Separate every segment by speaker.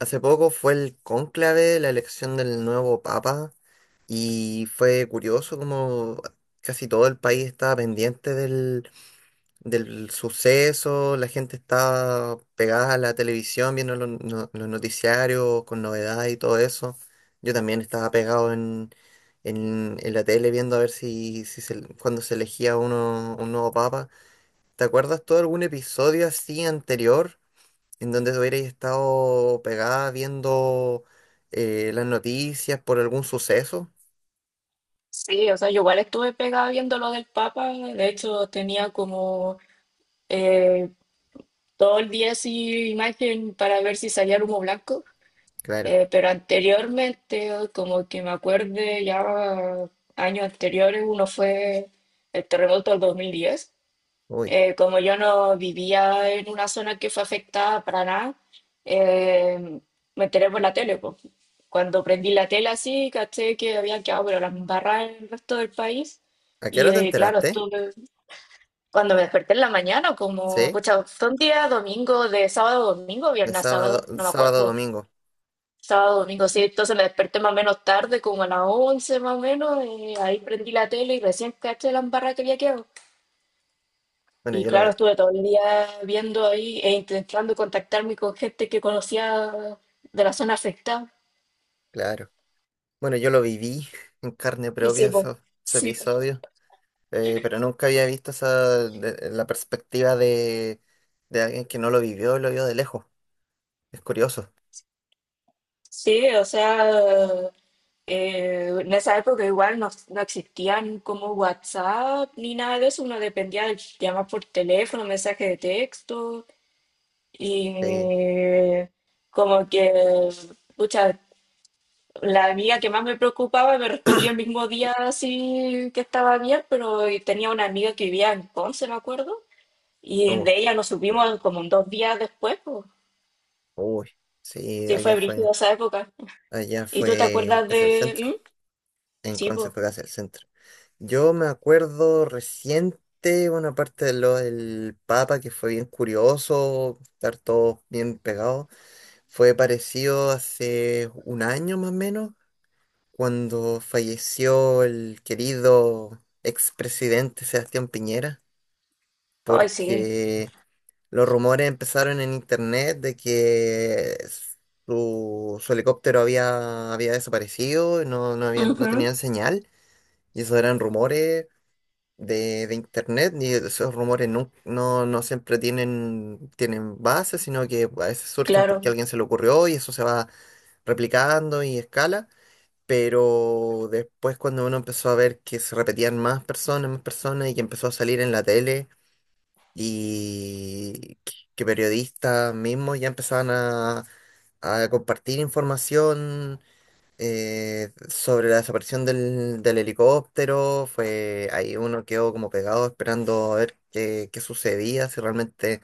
Speaker 1: Hace poco fue el cónclave, la elección del nuevo papa, y fue curioso como casi todo el país estaba pendiente del suceso. La gente estaba pegada a la televisión viendo los, no- los noticiarios con novedades y todo eso. Yo también estaba pegado en la tele viendo a ver si, si se, cuando se elegía un nuevo papa. ¿Te acuerdas tú de algún episodio así anterior, en donde hubierais estado pegada viendo las noticias por algún suceso?
Speaker 2: Sí, o sea, yo igual estuve pegada viendo lo del Papa, de hecho tenía como eh, todo el día así imagen para ver si salía el humo blanco.
Speaker 1: Claro,
Speaker 2: Pero anteriormente, como que me acuerde ya años anteriores, uno fue el terremoto del 2010.
Speaker 1: uy.
Speaker 2: Como yo no vivía en una zona que fue afectada para nada, eh, me enteré por la tele, po. Cuando prendí la tele así, caché que había quedado, pero las barras en el resto del país.
Speaker 1: ¿A qué
Speaker 2: Y
Speaker 1: hora te
Speaker 2: claro,
Speaker 1: enteraste?
Speaker 2: estuve, cuando me desperté en la mañana, como,
Speaker 1: ¿Sí?
Speaker 2: pucha, fue un día domingo, de sábado a domingo,
Speaker 1: De
Speaker 2: viernes a
Speaker 1: sábado,
Speaker 2: sábado,
Speaker 1: de
Speaker 2: no me
Speaker 1: sábado a
Speaker 2: acuerdo.
Speaker 1: domingo.
Speaker 2: Sábado, domingo, sí, entonces me desperté más o menos tarde, como a las 11 más o menos, y ahí prendí la tele y recién caché la embarrada que había quedado.
Speaker 1: Bueno,
Speaker 2: Y
Speaker 1: yo lo
Speaker 2: claro,
Speaker 1: vi,
Speaker 2: estuve todo el día viendo ahí e intentando contactarme con gente que conocía de la zona afectada.
Speaker 1: claro. Bueno, yo lo viví en carne
Speaker 2: Y
Speaker 1: propia
Speaker 2: sí, po,
Speaker 1: eso- ese
Speaker 2: sí, po.
Speaker 1: episodio. Pero nunca había visto esa, la perspectiva de alguien que no lo vivió, lo vio de lejos. Es curioso.
Speaker 2: Sí, o sea, en esa época igual no, no existían como WhatsApp ni nada de eso, uno dependía de llamar por teléfono, mensaje de texto, y
Speaker 1: Sí,
Speaker 2: como que, pucha, la amiga que más me preocupaba me respondió el mismo día así que estaba bien, pero y tenía una amiga que vivía en Ponce, me acuerdo, y
Speaker 1: uy,
Speaker 2: de ella nos supimos como un 2 días después, pues.
Speaker 1: uy. Sí,
Speaker 2: Sí, fue
Speaker 1: allá fue,
Speaker 2: brígida esa época.
Speaker 1: allá
Speaker 2: ¿Y tú te
Speaker 1: fue
Speaker 2: acuerdas
Speaker 1: casi el centro.
Speaker 2: de...? ¿Mm?
Speaker 1: En
Speaker 2: Sí, pues.
Speaker 1: Concepción el centro. Yo me acuerdo reciente, bueno, aparte de lo del Papa, que fue bien curioso, estar todos bien pegados, fue parecido hace un año más o menos, cuando falleció el querido expresidente Sebastián Piñera,
Speaker 2: Ay, sí.
Speaker 1: porque los rumores empezaron en internet de que su helicóptero había desaparecido, no, no, no
Speaker 2: Ujú.
Speaker 1: tenían señal. Y esos eran rumores de internet, y esos rumores no siempre tienen base, sino que a veces surgen porque a
Speaker 2: Claro,
Speaker 1: alguien se le ocurrió y eso se va replicando y escala. Pero después cuando uno empezó a ver que se repetían más personas, y que empezó a salir en la tele, y que periodistas mismos ya empezaban a compartir información sobre la desaparición del helicóptero. Fue ahí uno quedó como pegado esperando a ver qué sucedía, si realmente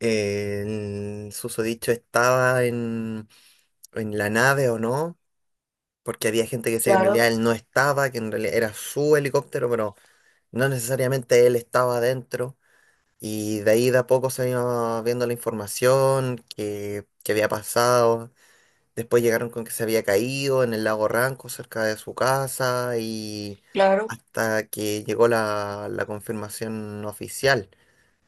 Speaker 1: el susodicho estaba en la nave o no, porque había gente que decía que en
Speaker 2: claro,
Speaker 1: realidad él no estaba, que en realidad era su helicóptero, pero no necesariamente él estaba dentro. Y de ahí de a poco se iba viendo la información que había pasado. Después llegaron con que se había caído en el lago Ranco, cerca de su casa, y
Speaker 2: claro.
Speaker 1: hasta que llegó la confirmación oficial.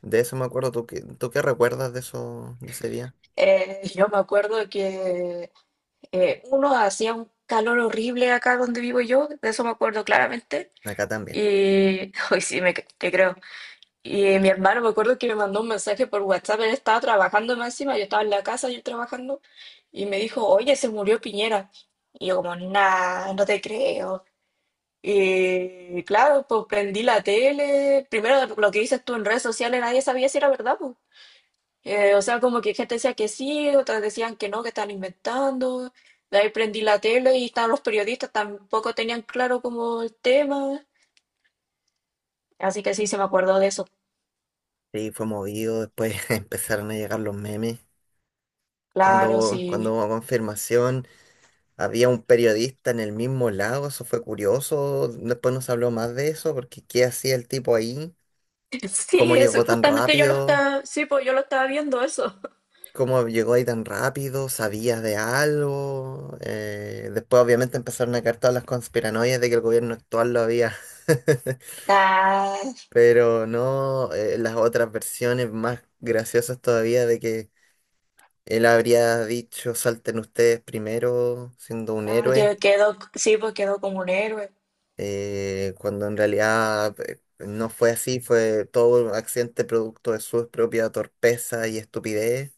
Speaker 1: De eso me acuerdo. Tú qué recuerdas de eso, de ese día?
Speaker 2: Yo me acuerdo que uno hacía un calor horrible acá donde vivo yo, de eso me acuerdo claramente.
Speaker 1: Acá también.
Speaker 2: Y hoy sí, me, te creo. Y mi hermano me acuerdo que me mandó un mensaje por WhatsApp, él estaba trabajando más encima, yo estaba en la casa, yo trabajando, y me dijo, oye, se murió Piñera. Y yo como, nah, no te creo. Y claro, pues prendí la tele, primero lo que dices tú en redes sociales, nadie sabía si era verdad, pues. O sea, como que gente decía que sí, otras decían que no, que están inventando. De ahí prendí la tele y estaban los periodistas, tampoco tenían claro como el tema. Así que sí, se me acordó de eso.
Speaker 1: Sí, fue movido, después empezaron a llegar los memes.
Speaker 2: Claro,
Speaker 1: Cuando
Speaker 2: sí.
Speaker 1: hubo confirmación, había un periodista en el mismo lago. Eso fue curioso. Después no se habló más de eso, porque ¿qué hacía el tipo ahí? ¿Cómo
Speaker 2: Sí, eso,
Speaker 1: llegó tan
Speaker 2: justamente yo lo
Speaker 1: rápido?
Speaker 2: estaba, sí, pues yo lo estaba viendo eso.
Speaker 1: ¿Cómo llegó ahí tan rápido? ¿Sabías de algo? Después obviamente empezaron a caer todas las conspiranoias de que el gobierno actual lo había.
Speaker 2: Ah,
Speaker 1: Pero no. Las otras versiones más graciosas todavía, de que él habría dicho salten ustedes primero siendo un
Speaker 2: ah,
Speaker 1: héroe,
Speaker 2: que quedó, sí, pues quedó como un héroe,
Speaker 1: cuando en realidad no fue así, fue todo un accidente producto de su propia torpeza y estupidez.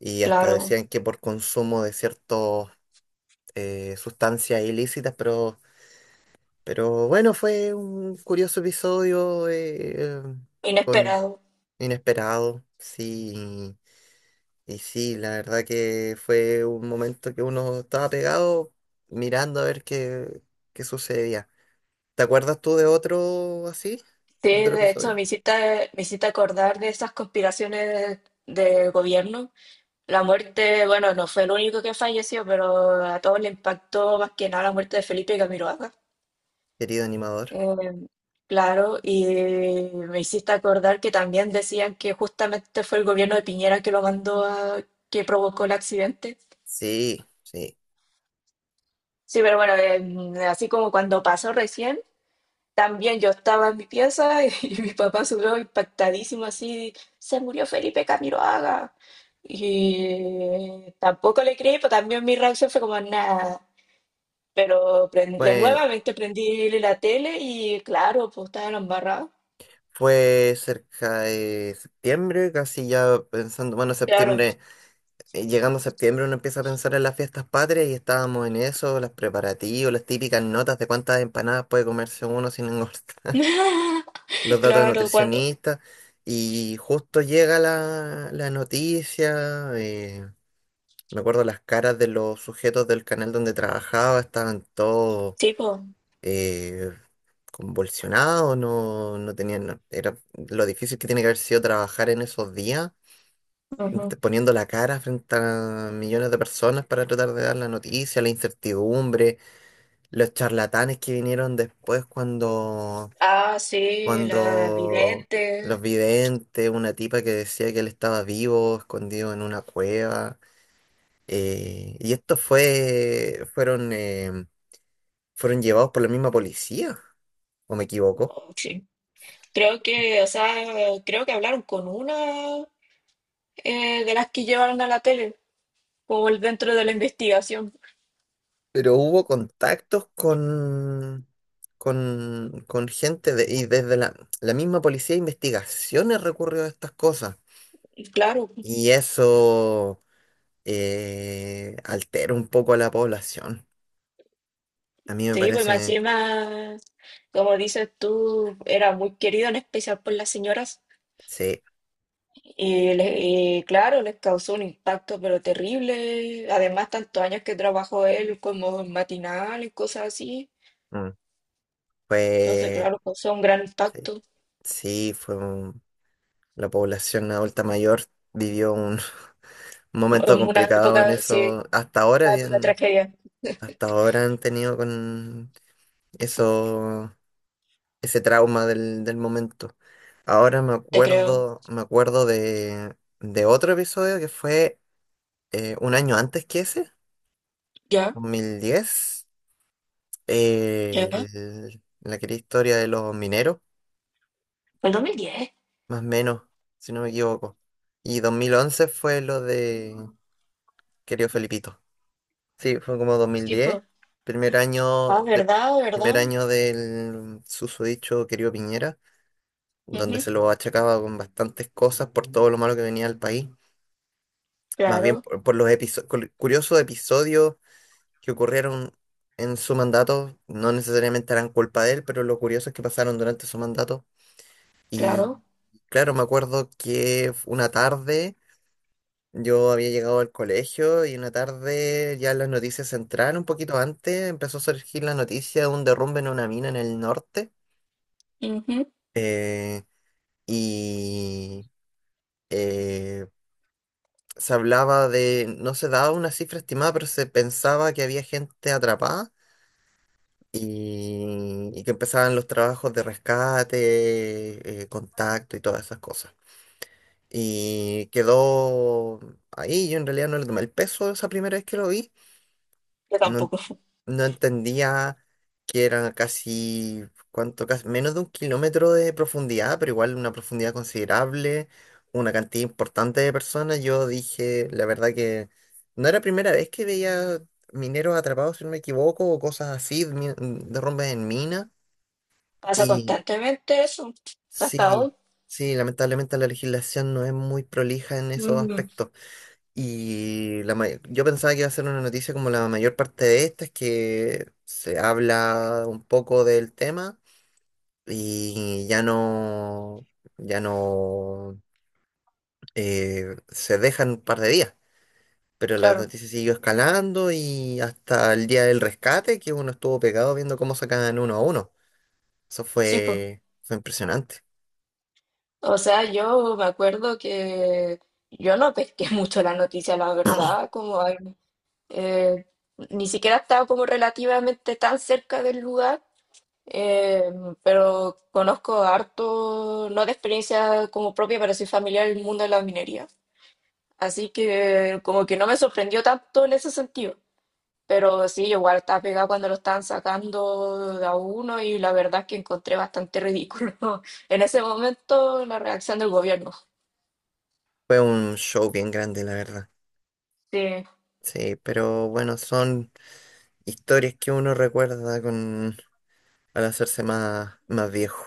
Speaker 1: Y hasta
Speaker 2: claro,
Speaker 1: decían que por consumo de ciertos sustancias ilícitas, pero, bueno, fue un curioso episodio, eh, con
Speaker 2: inesperado.
Speaker 1: inesperado, sí, y sí, la verdad que fue un momento que uno estaba pegado mirando a ver qué sucedía. ¿Te acuerdas tú de otro así?
Speaker 2: Sí,
Speaker 1: ¿De otro
Speaker 2: de hecho,
Speaker 1: episodio?
Speaker 2: me hiciste acordar de esas conspiraciones del gobierno. La muerte, bueno, no fue el único que falleció, pero a todos le impactó más que nada la muerte de Felipe Camiroaga.
Speaker 1: Querido animador.
Speaker 2: Eh, claro, y me hiciste acordar que también decían que justamente fue el gobierno de Piñera que lo mandó a, que provocó el accidente.
Speaker 1: Sí, sí.
Speaker 2: Sí, pero bueno, así como cuando pasó recién, también yo estaba en mi pieza y, mi papá subió impactadísimo así, se murió Felipe Camiroaga. Y tampoco le creí, pero también mi reacción fue como nada. Pero de
Speaker 1: Fue,
Speaker 2: nuevamente prendí la tele y claro, pues estaba en la embarrada.
Speaker 1: fue cerca de septiembre, casi ya pensando, bueno,
Speaker 2: Claro,
Speaker 1: septiembre. Llegando a septiembre uno empieza a pensar en las fiestas patrias y estábamos en eso, los preparativos, las típicas notas de cuántas empanadas puede comerse uno sin engordar, los datos de
Speaker 2: claro, cuánto.
Speaker 1: nutricionista, y justo llega la noticia. Me acuerdo las caras de los sujetos del canal donde trabajaba, estaban todos
Speaker 2: Sí, pues.
Speaker 1: eh, convulsionados, no tenían, era lo difícil que tiene que haber sido trabajar en esos días,
Speaker 2: Ujú.
Speaker 1: int- poniendo la cara frente a millones de personas para tratar de dar la noticia, la incertidumbre, los charlatanes que vinieron después cuando,
Speaker 2: Ah, sí, la
Speaker 1: cuando los
Speaker 2: vidente.
Speaker 1: videntes, una tipa que decía que él estaba vivo, escondido en una cueva. Y estos fueron llevados por la misma policía, ¿o me equivoco?
Speaker 2: Oh, sí. Creo que, o sea, creo que hablaron con una de las que llevaron a la tele, como el dentro de la investigación.
Speaker 1: Pero hubo contactos con gente y desde la misma policía de investigaciones recurrió a estas cosas.
Speaker 2: Y claro,
Speaker 1: Y eso altera un poco a la población. A mí me
Speaker 2: sí, pues más
Speaker 1: parece,
Speaker 2: encima, como dices tú, era muy querido, en especial por las señoras.
Speaker 1: sí,
Speaker 2: Y, y claro, les causó un impacto, pero terrible. Además, tantos años que trabajó él como en matinal y cosas así.
Speaker 1: mm,
Speaker 2: Entonces,
Speaker 1: fue,
Speaker 2: claro, causó un gran
Speaker 1: sí,
Speaker 2: impacto.
Speaker 1: sí, la población adulta mayor vivió un momento
Speaker 2: Una
Speaker 1: complicado
Speaker 2: época,
Speaker 1: en
Speaker 2: sí,
Speaker 1: eso. Hasta ahora
Speaker 2: una época de
Speaker 1: bien,
Speaker 2: tragedia,
Speaker 1: hasta ahora han tenido con eso ese trauma del momento. Ahora me
Speaker 2: te creo.
Speaker 1: acuerdo, me acuerdo de otro episodio, que fue un año antes que ese,
Speaker 2: ¿Ya?
Speaker 1: 2010, eh,
Speaker 2: ¿Ya?
Speaker 1: el- la querida historia de los mineros,
Speaker 2: ¿El 2010?
Speaker 1: más o menos, si no me equivoco. Y 2011 fue lo de querido Felipito. Sí, fue como dos mil
Speaker 2: Sí,
Speaker 1: diez
Speaker 2: pues,
Speaker 1: primer año
Speaker 2: ah,
Speaker 1: de,
Speaker 2: verdad,
Speaker 1: primer
Speaker 2: verdad.
Speaker 1: año del susodicho querido Piñera, donde
Speaker 2: Ujú,
Speaker 1: se lo achacaba con bastantes cosas por todo lo malo que venía al país. Más bien
Speaker 2: claro,
Speaker 1: por los curiosos episodios que ocurrieron en su mandato, no necesariamente eran culpa de él, pero lo curioso es que pasaron durante su mandato. Y
Speaker 2: claro.
Speaker 1: claro, me acuerdo que una tarde yo había llegado al colegio, y una tarde ya las noticias entraron un poquito antes, empezó a surgir la noticia de un derrumbe en una mina en el norte.
Speaker 2: Ujú.
Speaker 1: eh, y eh, se hablaba no se daba una cifra estimada, pero se pensaba que había gente atrapada y que empezaban los trabajos de rescate, contacto y todas esas cosas. Y quedó ahí, yo en realidad no le tomé el peso esa primera vez que lo vi.
Speaker 2: Yo
Speaker 1: No,
Speaker 2: tampoco.
Speaker 1: no entendía que eran menos de un kilómetro de profundidad, pero igual una profundidad considerable, una cantidad importante de personas. Yo dije, la verdad que no era primera vez que veía mineros atrapados, si no me equivoco, o cosas así, derrumbes en minas.
Speaker 2: Pasa
Speaker 1: Y
Speaker 2: constantemente eso, hasta
Speaker 1: sí,
Speaker 2: hoy.
Speaker 1: sí, lamentablemente la legislación no es muy prolija en esos
Speaker 2: Mm,
Speaker 1: aspectos. Y yo pensaba que iba a ser una noticia como la mayor parte de estas, que se habla un poco del tema y ya no, se dejan un par de días. Pero la
Speaker 2: claro,
Speaker 1: noticia siguió escalando, y hasta el día del rescate, que uno estuvo pegado viendo cómo sacaban uno a uno. Eso
Speaker 2: sí, pues.
Speaker 1: fue, fue impresionante.
Speaker 2: O sea, yo me acuerdo que yo no pesqué mucho la noticia, la verdad, como ay, eh, ni siquiera estaba como relativamente tan cerca del lugar, eh, pero conozco harto, no de experiencia como propia, pero soy familiar del mundo de la minería. Así que como que no me sorprendió tanto en ese sentido. Pero sí, yo igual estaba pegada cuando lo estaban sacando de a uno y la verdad es que encontré bastante ridículo en ese momento la reacción del gobierno.
Speaker 1: Fue un show bien grande, la verdad.
Speaker 2: Sí.
Speaker 1: Sí, pero bueno, son historias que uno recuerda con, al hacerse más, más viejo.